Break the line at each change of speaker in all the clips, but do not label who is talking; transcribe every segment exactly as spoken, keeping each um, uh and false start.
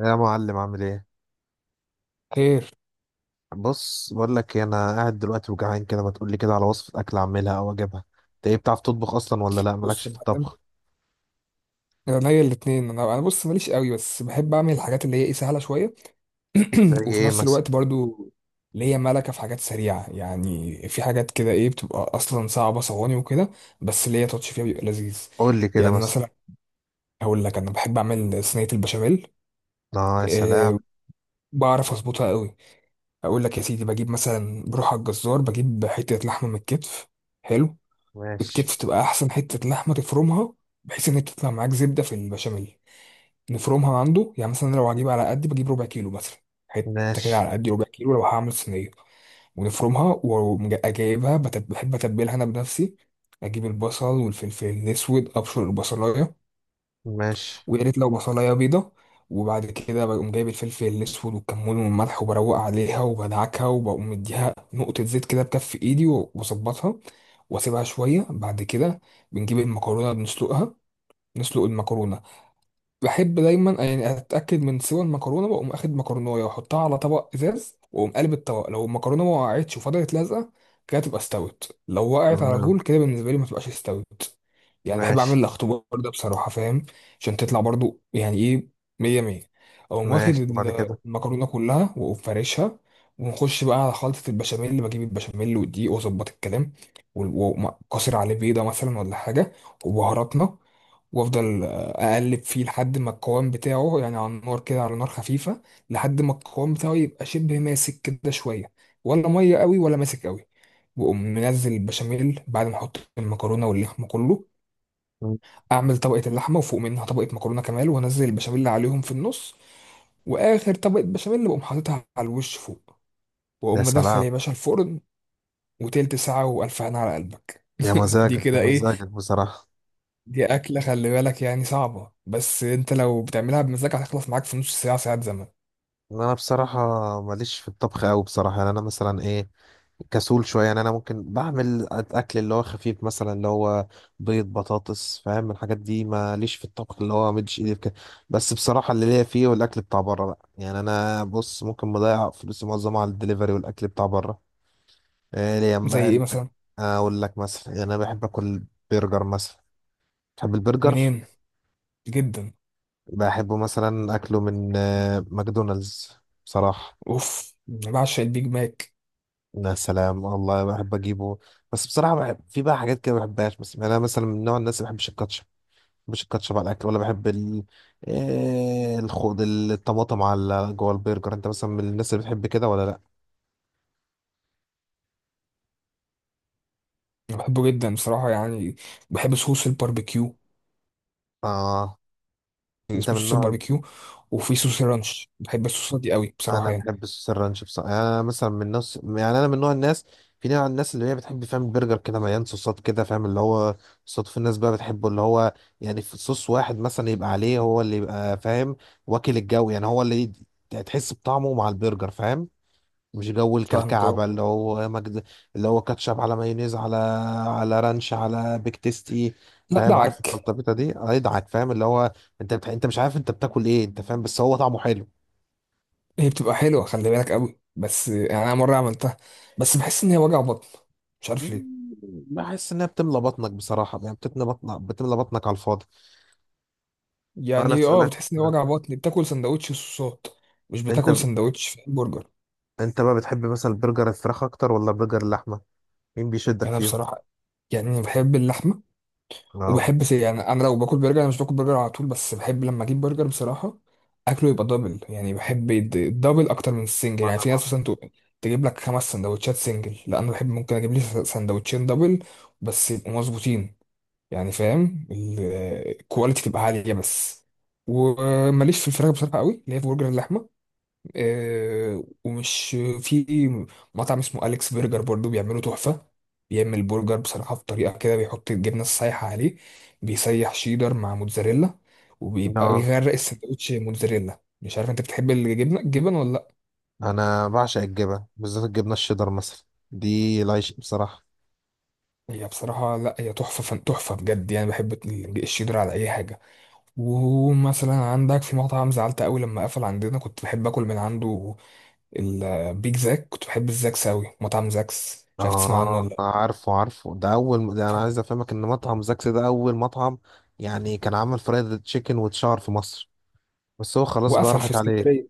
يا معلم، عامل ايه؟
خير.
بص، بقول لك إيه، انا قاعد دلوقتي وجعان كده، ما تقول لي كده على وصفه اكل اعملها او اجيبها. انت، ايه، بتعرف تطبخ اصلا ولا لا؟ مالكش
بص يا
في
معلم،
الطبخ؟
انا ليا الاثنين. انا انا بص ماليش قوي، بس بحب اعمل الحاجات اللي هي ايه، سهله شويه.
زي
وفي
ايه
نفس
مثلا؟
الوقت برضو ليا ملكه في حاجات سريعه. يعني في حاجات كده ايه، بتبقى اصلا صعبه، صواني وكده، بس ليا تاتش فيها بيبقى لذيذ.
قول لي كده
يعني
مثلا.
مثلا، هقول لك انا بحب اعمل صينيه البشاميل.
اه، يا سلام.
أه، بعرف اظبطها قوي. اقول لك يا سيدي، بجيب مثلا، بروح على الجزار بجيب حته لحمه من الكتف. حلو.
ماشي.
الكتف تبقى احسن حته لحمه. تفرمها بحيث ان هي تطلع معاك زبده في البشاميل. نفرمها عنده. يعني مثلا أنا لو هجيب، على قد بجيب ربع كيلو مثلا، حته كده
ماشي.
على قد ربع كيلو لو هعمل صينيه. ونفرمها وجايبها، بحب اتبلها انا بنفسي. اجيب البصل والفلفل الاسود، ابشر البصلايه،
ماشي.
ويا ريت لو بصلايه بيضه. وبعد كده بقوم جايب الفلفل الاسود والكمون والملح، وبروق عليها وبدعكها، وبقوم مديها نقطه زيت كده بكف ايدي واظبطها، واسيبها شويه. بعد كده بنجيب المكرونه بنسلقها. نسلق المكرونه. بحب دايما يعني اتاكد من سوى المكرونه، واقوم اخد مكرونه واحطها على طبق ازاز، واقوم قلب الطبق. لو المكرونه ما وقعتش وفضلت لازقه كده تبقى استوت. لو وقعت على
تمام.
طول كده، بالنسبه لي ما تبقاش استوت. يعني بحب اعمل
ماشي.
الاختبار ده بصراحه، فاهم؟ عشان تطلع برضو يعني ايه، مية مية. اقوم واخد
ماشي وبعد
ال-
كده.
المكرونه كلها واقوم فارشها. ونخش بقى على خلطه البشاميل، اللي بجيب البشاميل والدقيق واظبط الكلام، وقاسر عليه بيضه مثلا ولا حاجه، وبهاراتنا. وافضل آه، اقلب فيه لحد ما القوام بتاعه يعني على النار كده، على نار خفيفه، لحد ما القوام بتاعه يبقى شبه ماسك كده شويه، ولا ميه قوي ولا ماسك قوي. واقوم منزل البشاميل بعد ما احط المكرونه واللحمه كله.
مم.
اعمل طبقه اللحمه وفوق منها طبقه مكرونه كمان وانزل البشاميل عليهم في النص. واخر طبقه بشاميل بقوم حاططها على الوش فوق،
يا
واقوم مدخل
سلام.
يا باشا الفرن. وتلت ساعه والف هنا على قلبك.
يا
دي
مزاجك، يا
كده ايه؟
مزاجك بصراحه.
دي أكلة خلي بالك يعني صعبة، بس أنت لو بتعملها بمزاج هتخلص معاك في نص ساعة، ساعات زمن.
انا بصراحه ماليش في الطبخ قوي بصراحه، يعني انا مثلا، ايه، كسول شويه. يعني انا ممكن بعمل اكل اللي هو خفيف، مثلا اللي هو بيض، بطاطس، فاهم الحاجات دي. ماليش في الطبخ اللي هو مدش ايدي في كده. بس بصراحه اللي ليا فيه والاكل بتاع بره بقى، يعني انا بص، ممكن مضيع فلوسي معظمها على الدليفري والاكل بتاع بره. ايه ليه
زي
بقى
إيه
الب-
مثلا؟
اقول لك مثلا، يعني انا بحب اكل برجر مثلا، بحب البرجر.
منين؟ جدا.
بحبه مثلا اكله من آه، ماكدونالدز بصراحه.
أوف، أنا بعشق البيج ماك.
يا سلام، والله بحب اجيبه. بس بصراحه بحب في بقى حاجات كده ما بحبهاش، بس يعني انا مثلا من نوع الناس اللي ما بحبش الكاتشب، ما بحبش الكاتشب على الاكل، ولا بحب ال آه، الخوض الطماطم على جوه البرجر. انت مثلا من الناس اللي بتحب كده ولا لا؟
أنا بحبه جدا بصراحة يعني. بحب صوص الباربيكيو،
اه. انت
اسمه
من
صوص
نوع.
الباربيكيو. وفي صوص الرانش، بحب الصوصات دي قوي بصراحة
انا
يعني.
بحب السوس الرانش بصراحه، يعني انا مثلا من نفس، يعني انا من نوع الناس، في نوع الناس اللي هي بتحب، فاهم، البرجر كده مليان صوصات، كده فاهم اللي هو صوصات. في الناس بقى بتحبه اللي هو، يعني في صوص واحد مثلا يبقى عليه هو اللي يبقى، فاهم، واكل الجو، يعني هو اللي يد- تحس بطعمه مع البرجر، فاهم. مش جو
فاهمك
الكلكعه
أهو.
بقى اللي هو مجد، اللي هو كاتشب على مايونيز، على على رانش، على بيك تيستي،
لا
فاهم؟ عارف
دعك.
الخلطبيطه دي، هيضحك، فاهم، اللي هو انت بتح... انت مش عارف انت بتاكل ايه، انت فاهم، بس هو طعمه حلو.
هي بتبقى حلوة خلي بالك قوي، بس يعني أنا مرة عملتها، بس بحس إن هي وجع بطن، مش عارف ليه.
مم، بحس انها بتملى بطنك بصراحه، يعني بتملى بطنك، بتملى بطنك على الفاضي. انا
يعني أه
اسالك
بتحس إن هي
سؤال.
وجع بطن، بتاكل سندوتش صوصات مش
انت
بتاكل
ب...
سندوتش في برجر.
انت بقى بتحب مثلا برجر الفراخ اكتر ولا برجر اللحمه؟ مين بيشدك
يعني انا
فيهم؟
بصراحه، يعني بحب اللحمه.
اه.
وبحب س- يعني انا لو باكل برجر، انا مش باكل برجر على طول، بس بحب لما اجيب برجر بصراحه اكله يبقى دبل. يعني بحب يد- الدبل اكتر من السنجل.
انا
يعني في ناس
برضه.
مثلا تق- تجيب لك خمس سندوتشات سنجل، لا انا بحب ممكن اجيب لي س- سندوتشين دبل بس يبقوا مظبوطين. يعني فاهم، ال- الكواليتي تبقى عاليه بس. وماليش في الفراخ بصراحه قوي، اللي هي في برجر اللحمه. آه، ومش في مطعم اسمه أليكس برجر برضو بيعملوا تحفة. بيعمل برجر بصراحة بطريقة كده بيحط الجبنة السايحة عليه، بيسيح شيدر مع موتزاريلا، وبيبقى
اه.
بيغرق السندوتش موتزاريلا. مش عارف انت بتحب الجبنة، الجبن ولا لا؟
انا بعشق الجبن، بالذات الجبنه الشيدر مثلا، دي العيش بصراحه.
هي بصراحة لا، هي تحفة فن، تحفة بجد. يعني بحب ال- الشيدر على أي حاجة. ومثلا عندك في مطعم زعلت قوي لما قفل عندنا، كنت بحب اكل من عنده، البيج زاك. كنت بحب الزاكس قوي، مطعم زاكس، مش عارف تسمع عنه ولا
اه،
لأ.
عارفه عارفه، ده اول، ده انا عايز افهمك ان مطعم زاكس ده اول مطعم يعني كان عامل فرايد تشيكن وتشار في مصر، بس هو خلاص بقى
وقفل في
راحت عليه.
اسكندرية.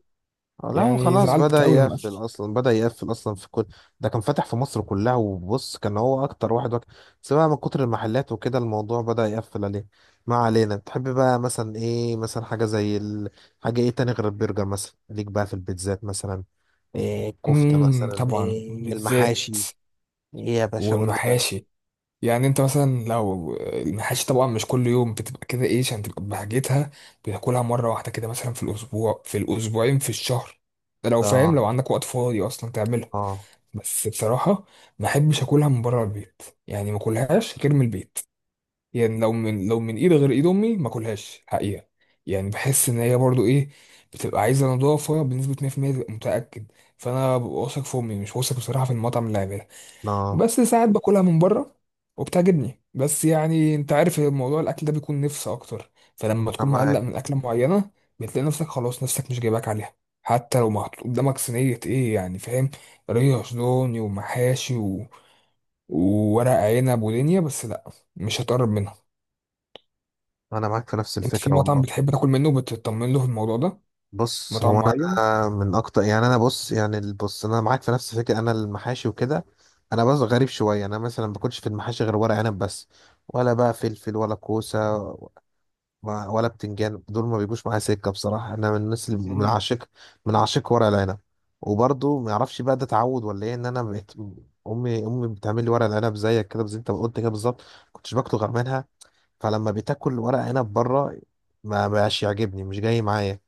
لا، هو
يعني
خلاص
زعلت
بدأ
أوي لما قفل.
يقفل أصلا، بدأ يقفل أصلا في كل. ده كان فاتح في مصر كلها، وبص كان هو أكتر واحد وك... بس بقى من كتر المحلات وكده الموضوع بدأ يقفل عليه. ما علينا. بتحب بقى مثلا، إيه مثلا، حاجة زي ال... حاجة إيه تاني غير البرجر مثلا؟ ليك بقى في البيتزات مثلا، إيه الكفتة،
امم
مثلا
طبعا،
إيه
بالذات،
المحاشي؟ إيه يا باشا؟ قول لي بقى.
والمحاشي. يعني انت مثلا لو المحاشي، طبعا مش كل يوم بتبقى كده ايه عشان تبقى بحاجتها، بتاكلها مرة واحدة كده مثلا في الأسبوع، في الأسبوعين، في الشهر. ده لو فاهم
آه.
لو عندك وقت فاضي أصلا تعملها.
آه.
بس بصراحة ما أحبش أكلها من بره البيت، يعني ما أكلهاش غير من البيت. يعني لو من، لو من ايد غير ايد امي ما اكلهاش حقيقه. يعني بحس ان هي برضو ايه، بتبقى عايزه نضافه بنسبه مية بالمية تبقى متاكد. فانا ببقى واثق في امي، مش واثق بصراحه في المطعم اللي عاملها.
آه.
بس ساعات باكلها من بره وبتعجبني، بس يعني انت عارف الموضوع الاكل ده بيكون نفس اكتر،
أنا
فلما تكون مقلق
معاك.
من اكله معينه بتلاقي نفسك خلاص نفسك مش جايباك عليها. حتى لو محطوط قدامك صينيه ايه يعني فاهم، ريش دوني ومحاشي و... وورق عنب ودنيا، بس لا مش هتقرب منها.
أنا معاك في نفس
انت في
الفكرة
مطعم
والله.
بتحب تاكل منه بتطمن له في الموضوع ده،
بص، هو
مطعم معين.
انا من اكتر، يعني انا بص، يعني ال- بص انا معاك في نفس الفكره. انا المحاشي وكده، انا بس غريب شويه، انا مثلا ما باكلش في المحاشي غير ورق عنب بس. ولا بقى فلفل ولا كوسه و- ولا بتنجان، دول ما بيجوش معايا سكه بصراحه. انا من الناس اللي من
مم.
عاشق من عاشق ورق العنب. وبرضه ما اعرفش بقى، ده تعود ولا ايه، ان انا بقيت، امي امي بتعمل لي ورق العنب زيك كده، زي انت ما قلت كده بالظبط. كنتش باكله غير منها. فلما بتاكل ورق عنب بره، ما بقاش يعجبني، مش جاي معايا،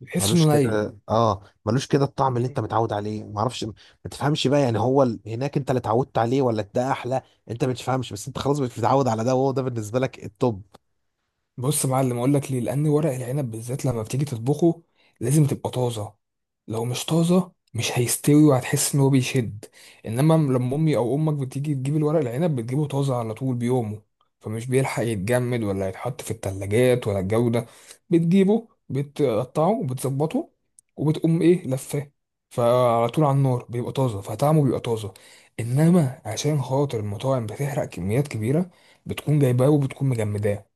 بتحس انه
ملوش
ني.
كده. اه، ملوش كده الطعم اللي انت
مم.
متعود عليه، ما اعرفش، ما تفهمش بقى. يعني هو ال... هناك انت اللي اتعودت عليه ولا ده احلى؟ انت ما تفهمش، بس انت خلاص مش متعود على ده، وهو ده بالنسبه لك التوب.
بص يا معلم اقول لك ليه. لان ورق العنب بالذات لما بتيجي تطبخه لازم تبقى طازه. لو مش طازه مش هيستوي وهتحس ان هو بيشد. انما لما امي او امك بتيجي تجيب الورق العنب بتجيبه طازه على طول بيومه، فمش بيلحق يتجمد ولا يتحط في التلاجات ولا الجو ده. بتجيبه بتقطعه وبتظبطه، وبتقوم ايه لفاه، فعلى طول على النار بيبقى طازه فطعمه بيبقى طازه. انما عشان خاطر المطاعم بتحرق كميات كبيره، بتكون جايباه وبتكون مجمداه،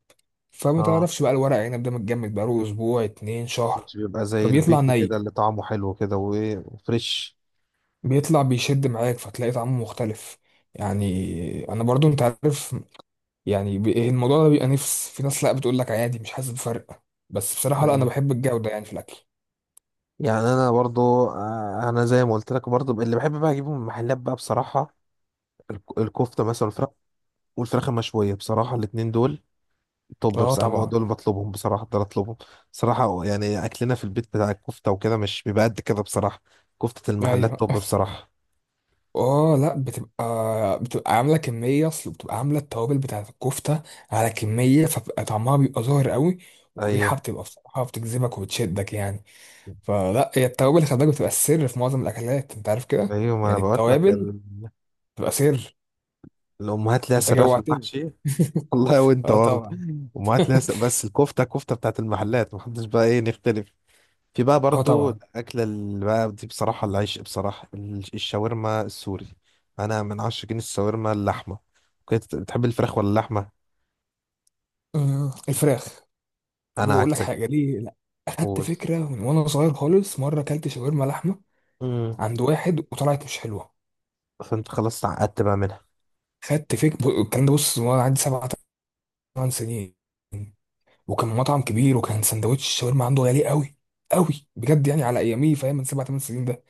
فما
اه،
تعرفش بقى الورق عنب ده متجمد بقاله اسبوع، اتنين شهر،
مش بيبقى زي
فبيطلع
البيت كده
ني.
اللي طعمه حلو كده، وايه، وفريش.
بيطلع بيشد معاك، فتلاقي طعمه مختلف. يعني انا برضو انت عارف، يعني ب- الموضوع ده بيبقى نفس. في ناس لا بتقول لك عادي مش حاسس بفرق، بس بصراحة لا، انا
يعني،
بحب الجودة يعني في الاكل.
يعني انا برضو، آه، انا زي ما قلت لك برضو، اللي بحب بقى اجيبه من المحلات بقى بصراحه الك- الكفته مثلا، والفراخ، والفراخ المشويه بصراحه، الاتنين دول. طب
اه
بصراحة، ما هو
طبعا.
دول بطلبهم، بصراحة دول اطلبهم. بصراحة يعني اكلنا في البيت بتاع الكفتة وكده مش بيبقى قد كده بصراحة كفتة المحلات.
ايوه.
طب بصراحة.
اه لا، بتبقى بتبقى عامله كميه، اصل بتبقى عامله التوابل بتاعت الكفته على كميه، فبقى طعمها بيبقى ظاهر قوي، والريحه
ايوه،
بتبقى بصراحه بتجذبك وبتشدك يعني. فلا هي التوابل خلي بالك بتبقى السر في معظم الاكلات، انت عارف كده،
ايوه، ما انا
يعني
بقول لك
التوابل
ال-
بتبقى سر.
الامهات ليها
انت
سرها في
جوعتني.
المحشي. والله وانت
اه
برضه،
طبعا.
امهات ليها سر- بس الكفتة، كفتة بتاعت المحلات محدش بقى، ايه، نختلف. في بقى
اه
برضو
طبعا.
الأكلة اللي بقى دي بصراحة العيش بصراحة ال- الشاورما السوري. أنا من عشاقين الشاورما اللحمة. كنت بتحب الفراخ ولا اللحمة؟
أمم، الفراخ.
أنا
بقول لك
عكسك.
حاجه ليه لا، اخدت
قول.
فكره من وانا صغير خالص، مره اكلت شاورما لحمه
مم.
عند واحد وطلعت مش حلوه.
فانت خلاص تعقدت بقى منها.
خدت فكره الكلام ده، بص وانا عندي سبع، ثمان سنين، وكان مطعم كبير وكان سندوتش الشاورما عنده غالي قوي، قوي بجد يعني على ايامي، فاهم؟ من سبع ثمان سنين ده.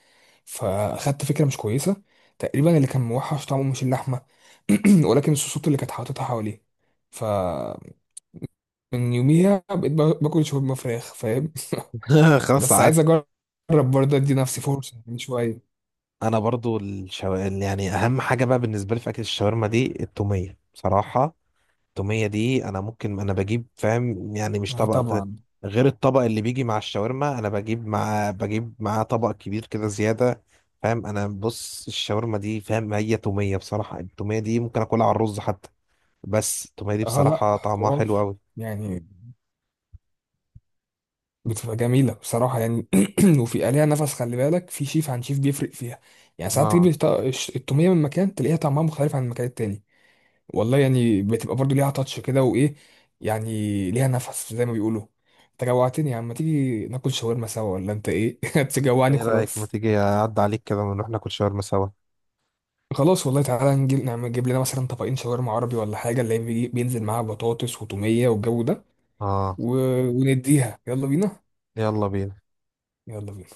فاخدت فكره مش كويسه. تقريبا اللي كان موحش طعمه مش اللحمه، ولكن الصوصات اللي كانت حاططها حواليه. فمن يوميها بقيت با- باكل شاورما فراخ، فاهم؟
خلاص
بس عايز
تعقدت.
اجرب برضه، ادي نفسي فرصه من شويه.
انا برضو الشو... يعني اهم حاجه بقى بالنسبه لي في اكل الشاورما دي التوميه بصراحه. التوميه دي انا ممكن، انا بجيب، فاهم، يعني مش
اه
طبق ده
طبعا.
غير الطبق اللي بيجي مع الشاورما. انا بجيب مع بجيب معاه طبق كبير كده زياده، فاهم. انا بص الشاورما دي فاهم، هي توميه بصراحه. التوميه دي ممكن اكلها على الرز حتى، بس التوميه دي
اه لا،
بصراحه طعمها حلو
حوار.
قوي.
يعني بتبقى جميله بصراحه يعني. وفي عليها نفس، خلي بالك في شيف عن شيف بيفرق فيها. يعني ساعات تجيب
ما،
الط- الش- التوميه من مكان تلاقيها طعمها مختلف عن المكان التاني. والله يعني بتبقى برضو ليها تاتش كده وايه، يعني ليها نفس زي ما بيقولوا. انت جوعتني يا عم، ما تيجي ناكل شاورما سوا ولا انت ايه؟ تجوعني
ايه رايك ما
وخلاص.
تيجي اعدي عليك كده ونروح ناكل شاورما سوا؟
خلاص والله، تعالى نجيب، نعمل، نجيب لنا مثلا طبقين شاورما عربي ولا حاجه، اللي هي بيجي- بينزل معاها بطاطس وتوميه والجو ده،
اه،
و... ونديها يلا بينا.
يلا بينا.
يلا بينا.